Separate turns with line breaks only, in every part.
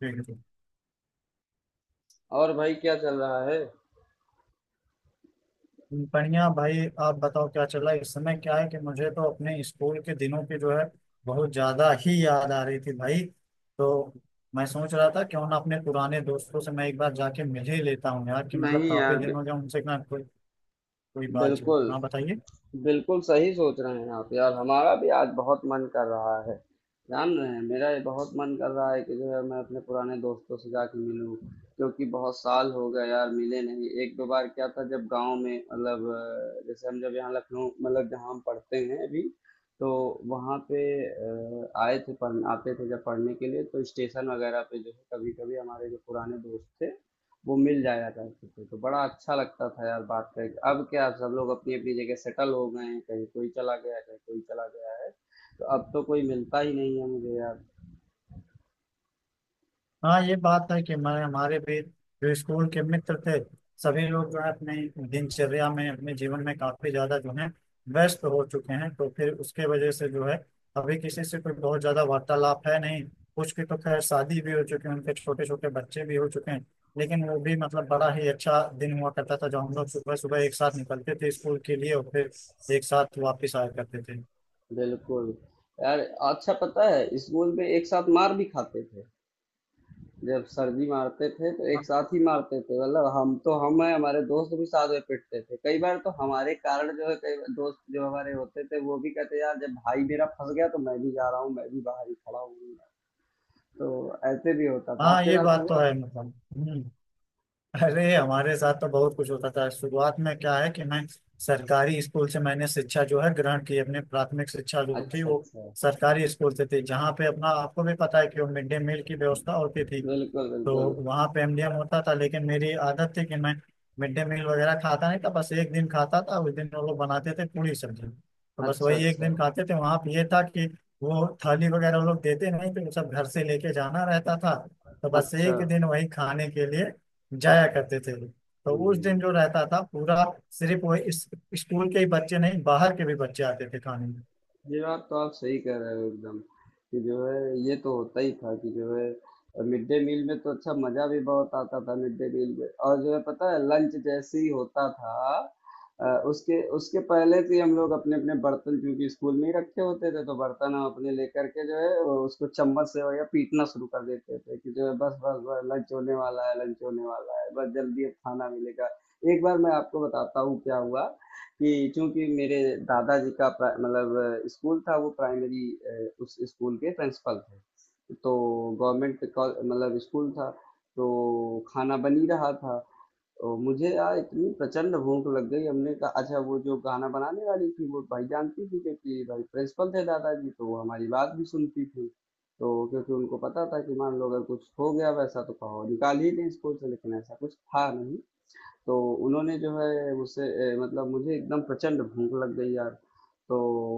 ठीक है।
और भाई क्या चल रहा है।
बढ़िया भाई। आप बताओ, क्या चल रहा है इस समय। क्या है कि मुझे तो अपने स्कूल के दिनों की जो है बहुत ज्यादा ही याद आ रही थी भाई। तो मैं सोच रहा था क्यों ना अपने पुराने दोस्तों से मैं एक बार जाके मिल ही लेता हूँ यार, कि मतलब
नहीं
काफी
यार,
दिन हो गया उनसे ना कोई कोई बातचीत।
बिल्कुल
हाँ, बताइए।
बिल्कुल सही सोच रहे हैं आप यार। हमारा भी आज बहुत मन कर रहा है, जान रहे हैं मेरा ये बहुत मन कर रहा है कि जो है मैं अपने पुराने दोस्तों से जाके मिलूं। क्योंकि बहुत साल हो गए यार, मिले नहीं एक दो बार क्या था, जब गांव में मतलब जैसे हम जब यहाँ लखनऊ मतलब जहाँ हम पढ़ते हैं अभी, तो वहाँ पे आए थे पढ़ आते थे जब पढ़ने के लिए, तो स्टेशन वगैरह पे जो है कभी कभी हमारे जो पुराने दोस्त थे वो मिल जाया करते थे, तो बड़ा अच्छा लगता था यार बात करके। अब क्या सब लोग अपनी अपनी जगह सेटल हो गए हैं, कहीं कोई चला गया कहीं कोई चला गया है, तो अब तो कोई मिलता ही नहीं है मुझे यार।
हाँ, ये बात है कि मैं हमारे भी जो स्कूल के मित्र थे सभी लोग जो है अपने दिनचर्या में अपने जीवन में काफी ज्यादा जो है व्यस्त हो चुके हैं, तो फिर उसके वजह से जो है अभी किसी से कोई बहुत ज्यादा वार्तालाप है नहीं। कुछ की तो खैर शादी भी हो चुकी है, उनके छोटे छोटे बच्चे भी हो चुके हैं। लेकिन वो भी मतलब बड़ा ही अच्छा दिन हुआ करता था जब हम लोग सुबह सुबह एक साथ निकलते थे स्कूल के लिए और फिर एक साथ वापिस आया करते थे।
बिल्कुल यार, अच्छा पता है स्कूल में एक साथ मार भी खाते थे। जब सर जी मारते थे तो एक
हाँ,
साथ ही मारते थे, मतलब हम तो हम है, हमारे दोस्त भी साथ में पिटते थे कई बार। तो हमारे कारण जो है कई बार दोस्त जो हमारे होते थे वो भी कहते यार, जब भाई मेरा फंस गया तो मैं भी जा रहा हूँ, मैं भी बाहर ही खड़ा हूँ। तो ऐसे भी होता था,
हाँ,
आपके
ये
साथ
बात तो
हुआ?
है मतलब। अरे हमारे साथ तो बहुत कुछ होता था। शुरुआत में क्या है कि मैं सरकारी स्कूल से मैंने शिक्षा जो है ग्रहण की, अपनी प्राथमिक शिक्षा जो थी
अच्छा
वो
अच्छा।
सरकारी स्कूल से थी, जहाँ पे अपना आपको भी पता है कि वो मिड डे मील की व्यवस्था होती थी।
बिल्कुल
तो
बिल्कुल।
वहाँ पे एमडीएम होता था, लेकिन मेरी आदत थी कि मैं मिड डे मील वगैरह खाता नहीं था। बस एक दिन खाता था, उस दिन वो लोग बनाते थे पूरी सब्जी, तो बस
अच्छा
वही एक
अच्छा
दिन खाते थे। वहाँ पे ये था कि वो थाली वगैरह वो लोग देते नहीं थे, वो सब घर से लेके जाना रहता था। तो बस
अच्छा
एक दिन वही खाने के लिए जाया करते थे। तो उस दिन
हम्म।
जो रहता था पूरा, सिर्फ वो इस स्कूल के ही बच्चे नहीं बाहर के भी बच्चे आते थे खाने में।
ये बात तो आप सही कह रहे हो एकदम, कि जो है ये तो होता ही था कि जो है मिड डे मील में तो अच्छा मजा भी बहुत आता था मिड डे मील में। और जो है पता है लंच जैसे ही होता था, उसके उसके पहले से ही हम लोग अपने अपने बर्तन, क्योंकि स्कूल में ही रखे होते थे तो बर्तन हम अपने लेकर के जो है वो उसको चम्मच से या पीटना शुरू कर देते थे कि जो है बस बस बस लंच होने वाला है लंच होने वाला है, बस जल्दी अब खाना मिलेगा। एक बार मैं आपको बताता हूँ क्या हुआ, कि चूंकि मेरे दादाजी का मतलब स्कूल था वो प्राइमरी, उस स्कूल के प्रिंसिपल थे। तो मतलब स्कूल था। तो खाना बन ही रहा था, तो मुझे यार इतनी प्रचंड भूख लग गई, हमने कहा अच्छा। वो जो गाना बनाने वाली थी वो भाई जानती थी, क्योंकि भाई प्रिंसिपल थे दादाजी तो वो हमारी बात भी सुनती थी। तो क्योंकि उनको पता था कि मान लो अगर कुछ हो गया वैसा तो कहो निकाल ही दें स्कूल से, लेकिन ऐसा कुछ था नहीं। तो उन्होंने जो है मुझसे, मतलब मुझे एकदम प्रचंड भूख लग गई यार, तो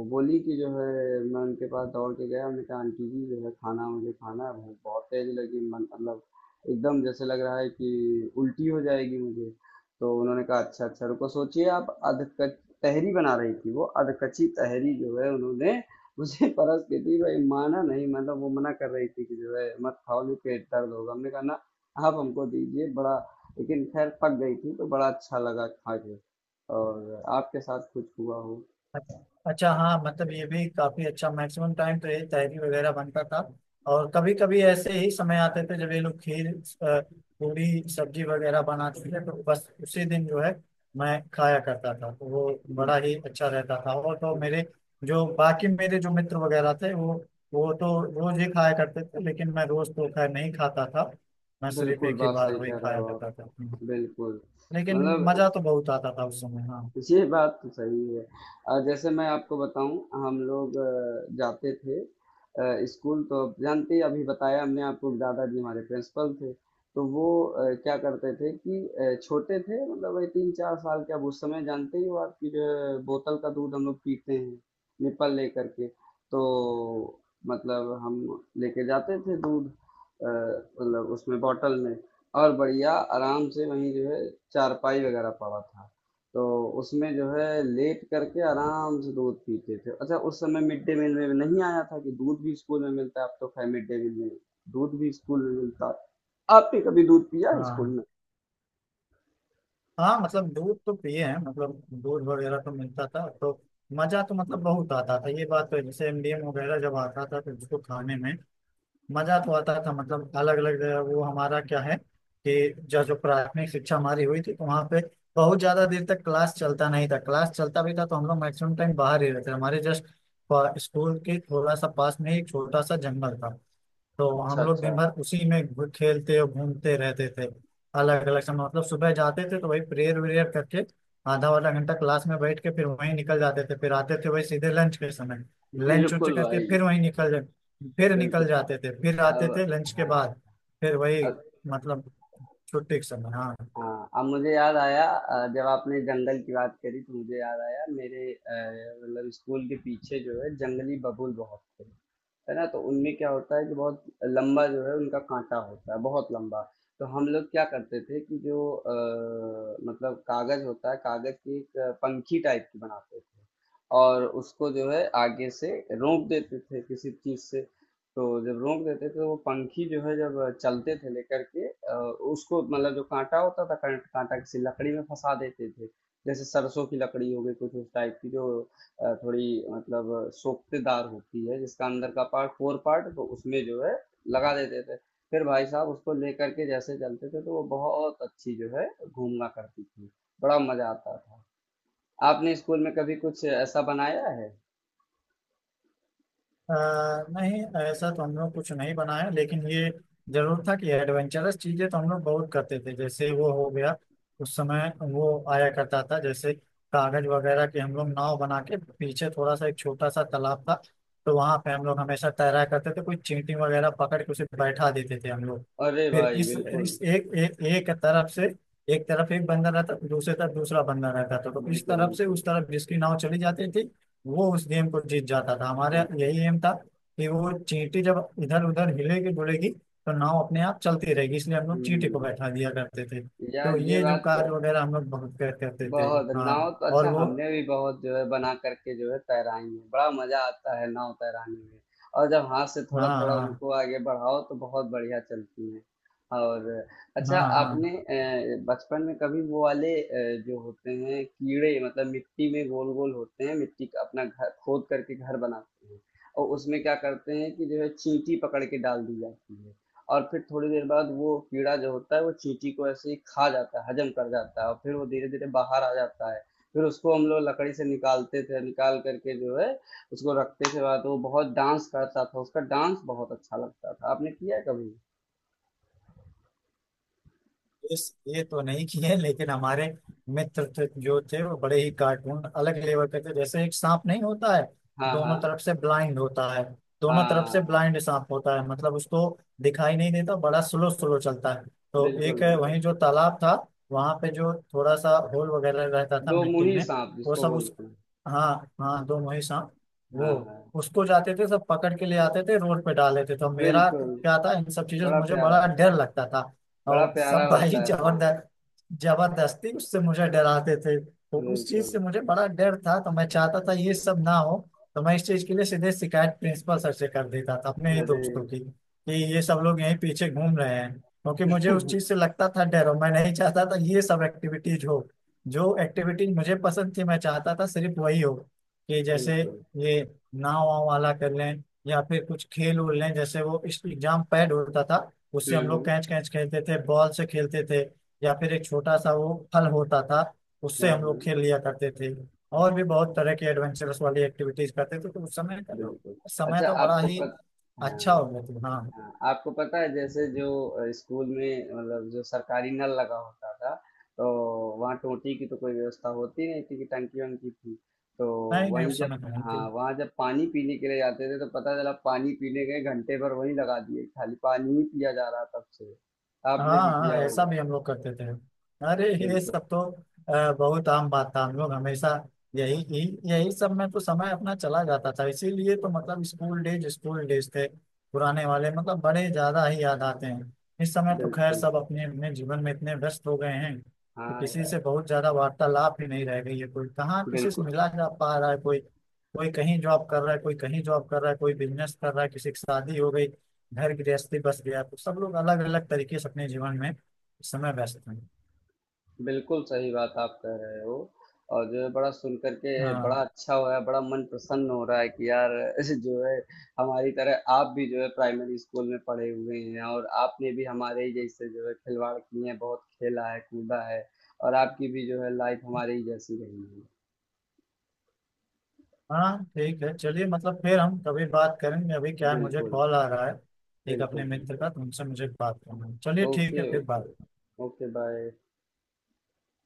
बोली कि जो है, मैं उनके पास दौड़ के गया, मैंने कहा आंटी जी जो है खाना मुझे खाना है, भूख बहुत तेज लगी, मन मतलब एकदम जैसे लग रहा है कि उल्टी हो जाएगी मुझे। तो उन्होंने कहा अच्छा अच्छा रुको, सोचिए आप अध कच तहरी बना रही थी, वो अध कच्ची तहरी जो है उन्होंने मुझे परस के दी भाई, माना नहीं, मतलब वो मना कर रही थी कि जो है मत खाओ, जो पेट दर्द होगा, हमने कहा ना आप हमको दीजिए बड़ा। लेकिन खैर पक गई थी तो बड़ा अच्छा लगा खा के। और आपके साथ कुछ हुआ हो?
अच्छा, हाँ, मतलब ये भी काफी अच्छा। मैक्सिमम टाइम तो ये तहरी वगैरह बनता था, और कभी कभी ऐसे ही समय आते थे जब ये लोग खीर, अ, पूरी, सब्जी वगैरह बनाते थे, तो बस उसी दिन जो है मैं खाया करता था, तो वो बड़ा ही अच्छा रहता था। और तो मेरे जो बाकी मेरे जो मित्र वगैरह थे वो तो रोज ही खाया करते थे, लेकिन मैं रोज तो खैर नहीं खाता था। मैं सिर्फ
बिल्कुल
एक ही
बात
बार
सही
वही
कह रहे
खाया
हो
करता था,
आप। बिल्कुल,
लेकिन
मतलब
मजा तो बहुत आता था उस समय, हाँ।
ये बात तो सही है। जैसे मैं आपको बताऊँ, हम लोग जाते थे स्कूल, तो अब जानते ही, अभी बताया हमने आपको कि दादाजी हमारे प्रिंसिपल थे। तो वो क्या करते थे कि छोटे थे मतलब वही 3-4 साल के, अब उस समय जानते ही हो आप कि जो है बोतल का दूध हम लोग पीते हैं, निप्पल लेकर के। तो मतलब हम लेके जाते थे दूध, मतलब उसमें बॉटल में, और बढ़िया आराम से वहीं जो है चारपाई वगैरह पड़ा था। तो उसमें जो है लेट करके आराम से दूध पीते थे। अच्छा उस समय मिड डे मील में नहीं आया था कि दूध भी स्कूल में मिलता है, अब तो खैर मिड डे मील में दूध भी स्कूल में मिलता है। आपने कभी दूध पिया है स्कूल
हाँ,
में?
हाँ, मतलब दूध तो पिए हैं, मतलब दूध वगैरह तो मिलता था, तो मजा तो मतलब बहुत आता था, ये बात तो है। जैसे एमडीएम वगैरह जब आता था तो उसको खाने में मजा तो आता था, मतलब अलग अलग। वो हमारा क्या है कि जो जो प्राथमिक शिक्षा हमारी हुई थी, तो वहाँ पे बहुत ज्यादा देर तक क्लास चलता नहीं था, क्लास चलता भी था तो हम लोग मैक्सिमम टाइम बाहर ही रहते थे। हमारे जस्ट स्कूल के थोड़ा सा पास में ही एक छोटा सा जंगल था, तो
अच्छा
हम लोग
अच्छा।
दिन भर उसी में खेलते और घूमते रहते थे। अलग अलग समय, मतलब सुबह जाते थे तो वही प्रेयर व्रेयर करके आधा आधा घंटा क्लास में बैठ के फिर वहीं निकल जाते थे, फिर आते थे वही सीधे लंच के समय, लंच उंच
बिल्कुल
करके
भाई।
फिर वहीं फिर निकल
बिल्कुल।
जाते थे, फिर आते
अब
थे लंच के
हाँ।
बाद फिर वही,
अब
मतलब छुट्टी के समय, हाँ।
हाँ, अब मुझे याद आया, जब आपने जंगल की बात करी तो मुझे याद आया मेरे मतलब स्कूल के पीछे जो है जंगली बबूल बहुत थे, है ना? तो उनमें क्या होता है कि बहुत लंबा जो है उनका कांटा होता है, बहुत लंबा। तो हम लोग क्या करते थे कि जो मतलब कागज होता है, कागज की एक पंखी टाइप की बनाते थे, और उसको जो है आगे से रोक देते थे किसी चीज से। तो जब रोक देते थे तो वो पंखी जो है, जब चलते थे लेकर के उसको, मतलब जो कांटा होता था, कांटा किसी लकड़ी में फंसा देते थे। जैसे सरसों की लकड़ी हो गई कुछ उस टाइप की, जो थोड़ी मतलब सोखतेदार होती है, जिसका अंदर का पार्ट फोर पार्ट, तो उसमें जो है लगा देते थे। फिर भाई साहब उसको लेकर के जैसे चलते थे तो वो बहुत अच्छी जो है घूमना करती थी, बड़ा मजा आता था। आपने स्कूल में कभी कुछ ऐसा बनाया है?
अ, नहीं, ऐसा तो हम लोग कुछ नहीं बनाया, लेकिन ये जरूर था कि एडवेंचरस चीजें तो हम लोग बहुत करते थे। जैसे वो हो गया उस समय वो आया करता था, जैसे कागज वगैरह की हम लोग नाव बना के, पीछे थोड़ा सा एक छोटा सा तालाब था, तो वहां पे हम लोग हमेशा तैरा करते थे। कोई चींटी वगैरह पकड़ के उसे बैठा देते थे हम लोग।
अरे
फिर
भाई बिल्कुल।
इस एक एक एक तरफ से, एक तरफ एक बंदर रहता, दूसरे तरफ दूसरा बंदर रहता था, तो इस
बिल्कुल
तरफ से
बिल्कुल
उस तरफ जिसकी नाव चली जाती थी वो उस गेम को जीत जाता था। हमारा
बिल्कुल।
यही एम था कि वो चींटी जब इधर उधर हिलेगी डुलेगी तो नाव अपने आप चलती रहेगी, इसलिए हम लोग चींटी को
हम्म,
बैठा दिया करते थे, तो
यार ये
ये जो
बात तो
कार्य वगैरह हम लोग बहुत करते थे।
बहुत,
हाँ।
नाव तो
और
अच्छा
वो,
हमने भी बहुत जो है बना करके जो है तैराई है, बड़ा मजा आता है नाव तैराने में। और जब हाथ से थोड़ा
हाँ,
थोड़ा
हाँ,
उनको आगे बढ़ाओ तो बहुत बढ़िया चलती है। और अच्छा,
हाँ,
आपने
हाँ।
बचपन में कभी वो वाले जो होते हैं कीड़े, मतलब मिट्टी में गोल गोल होते हैं मिट्टी का, अपना घर खोद करके घर बनाते हैं, और उसमें क्या करते हैं कि जो है चींटी पकड़ के डाल दी जाती है, और फिर थोड़ी देर बाद वो कीड़ा जो होता है वो चींटी को ऐसे ही खा जाता है, हजम कर जाता है, और फिर वो धीरे-धीरे बाहर आ जाता है। फिर उसको हम लोग लकड़ी से निकालते थे, निकाल कर के जो है उसको रखते थे वहाँ, तो वो बहुत डांस करता था, उसका डांस बहुत अच्छा लगता था। आपने किया है कभी?
इस ये तो नहीं किए, लेकिन हमारे मित्र तो जो थे वो बड़े ही कार्टून अलग लेवल के थे। जैसे एक सांप नहीं होता है
हाँ,
दोनों
हाँ।
तरफ से ब्लाइंड होता है, दोनों तरफ से
हाँ,
ब्लाइंड सांप होता है, मतलब उसको दिखाई नहीं देता, बड़ा स्लो स्लो चलता है। तो एक
बिल्कुल,
है,
बिल्कुल।
वहीं जो तालाब था वहां पे जो थोड़ा सा होल वगैरह रहता था
दो
मिट्टी
मुंही
में,
साँप
वो
जिसको
सब उस,
बोलते हैं।
हाँ, हाँ, दो वही सांप, वो
हाँ, हाँ।
उसको जाते थे सब पकड़ के ले आते थे, रोड पे डाल देते थे। तो मेरा
बिल्कुल,
क्या था, इन सब चीजों से
बड़ा
मुझे
प्यारा,
बड़ा डर लगता था,
बड़ा
और
प्यारा
सब भाई
होता है साँप।
जबरदस्त जबरदस्ती उससे मुझे डराते थे, तो उस चीज
बिल्कुल।
से मुझे बड़ा डर था, तो मैं चाहता था ये सब ना हो। तो मैं इस चीज के लिए सीधे शिकायत प्रिंसिपल सर से कर देता था अपने ही दोस्तों
अरे!
की, कि ये सब लोग यहीं पीछे घूम रहे हैं, क्योंकि मुझे उस चीज से लगता था डर और मैं नहीं चाहता था ये सब एक्टिविटीज हो। जो एक्टिविटीज मुझे पसंद थी मैं चाहता था सिर्फ वही हो, कि जैसे
बिल्कुल।
ये नाव वाव वाला कर लें या फिर कुछ खेल उल लें, जैसे वो इस एग्जाम पैड होता था उससे
हुँ,
हम लोग
हुँ।
कैच कैच खेलते थे, बॉल से खेलते थे, या फिर एक छोटा सा वो फल होता था उससे हम लोग
हाँ,
खेल लिया करते थे।
हाँ।
और भी बहुत तरह की एडवेंचरस वाली एक्टिविटीज करते थे, तो उस समय का जो
बिल्कुल।
समय
अच्छा
तो बड़ा
आपको
ही
पत
अच्छा
हाँ,
हो गया था, हाँ।
हाँ, आपको पता है जैसे जो स्कूल में मतलब जो सरकारी नल लगा होता था, तो वहाँ टोटी की तो कोई व्यवस्था होती नहीं थी, कि टंकी वंकी थी। तो
नहीं, नहीं,
वहीं
उस
जब,
समय तो नहीं
हाँ
थी।
वहाँ जब पानी पीने के लिए जाते थे तो पता चला, पानी पीने गए घंटे भर वहीं लगा दिए, खाली पानी ही पिया जा रहा तब से।
हाँ,
आपने भी
हाँ,
किया
ऐसा भी
होगा?
हम लोग करते थे। अरे ये
बिल्कुल
सब तो बहुत आम बात था। हम लोग हमेशा यही यही यही सब में तो समय अपना चला जाता था, इसीलिए तो मतलब स्कूल डेज थे पुराने वाले मतलब बड़े ज्यादा ही याद आते हैं। इस समय तो खैर
बिल्कुल।
सब अपने अपने जीवन में इतने व्यस्त हो गए हैं कि
हाँ
किसी से
यार,
बहुत ज्यादा वार्तालाप ही नहीं रह गई है, कोई कहाँ किसी से
बिल्कुल
मिला जा पा रहा है, कोई, कोई कहीं जॉब कर रहा है, कोई कहीं जॉब कर रहा है, कोई बिजनेस कर रहा है, किसी की शादी हो गई घर गृहस्थी बस गया, तो सब लोग अलग अलग तरीके से अपने जीवन में इस समय व्यस्त हैं।
बिल्कुल सही बात आप कह रहे हो, और जो है बड़ा सुन करके
हाँ,
बड़ा अच्छा हो रहा है, बड़ा मन प्रसन्न हो रहा है कि यार, ऐसे जो है हमारी तरह आप भी जो है प्राइमरी स्कूल में पढ़े हुए हैं, और आपने भी हमारे ही जैसे जो है खिलवाड़ किए हैं, बहुत खेला है कूदा है, और आपकी भी जो है लाइफ हमारे ही जैसी रही है।
हाँ, ठीक है, चलिए मतलब फिर हम कभी बात करेंगे, अभी क्या है मुझे
बिल्कुल
कॉल आ रहा है एक अपने
बिल्कुल
मित्र का,
बिल्कुल।
तुमसे मुझे बात करना है। चलिए ठीक
ओके
है फिर
ओके।
बात।
Okay bye.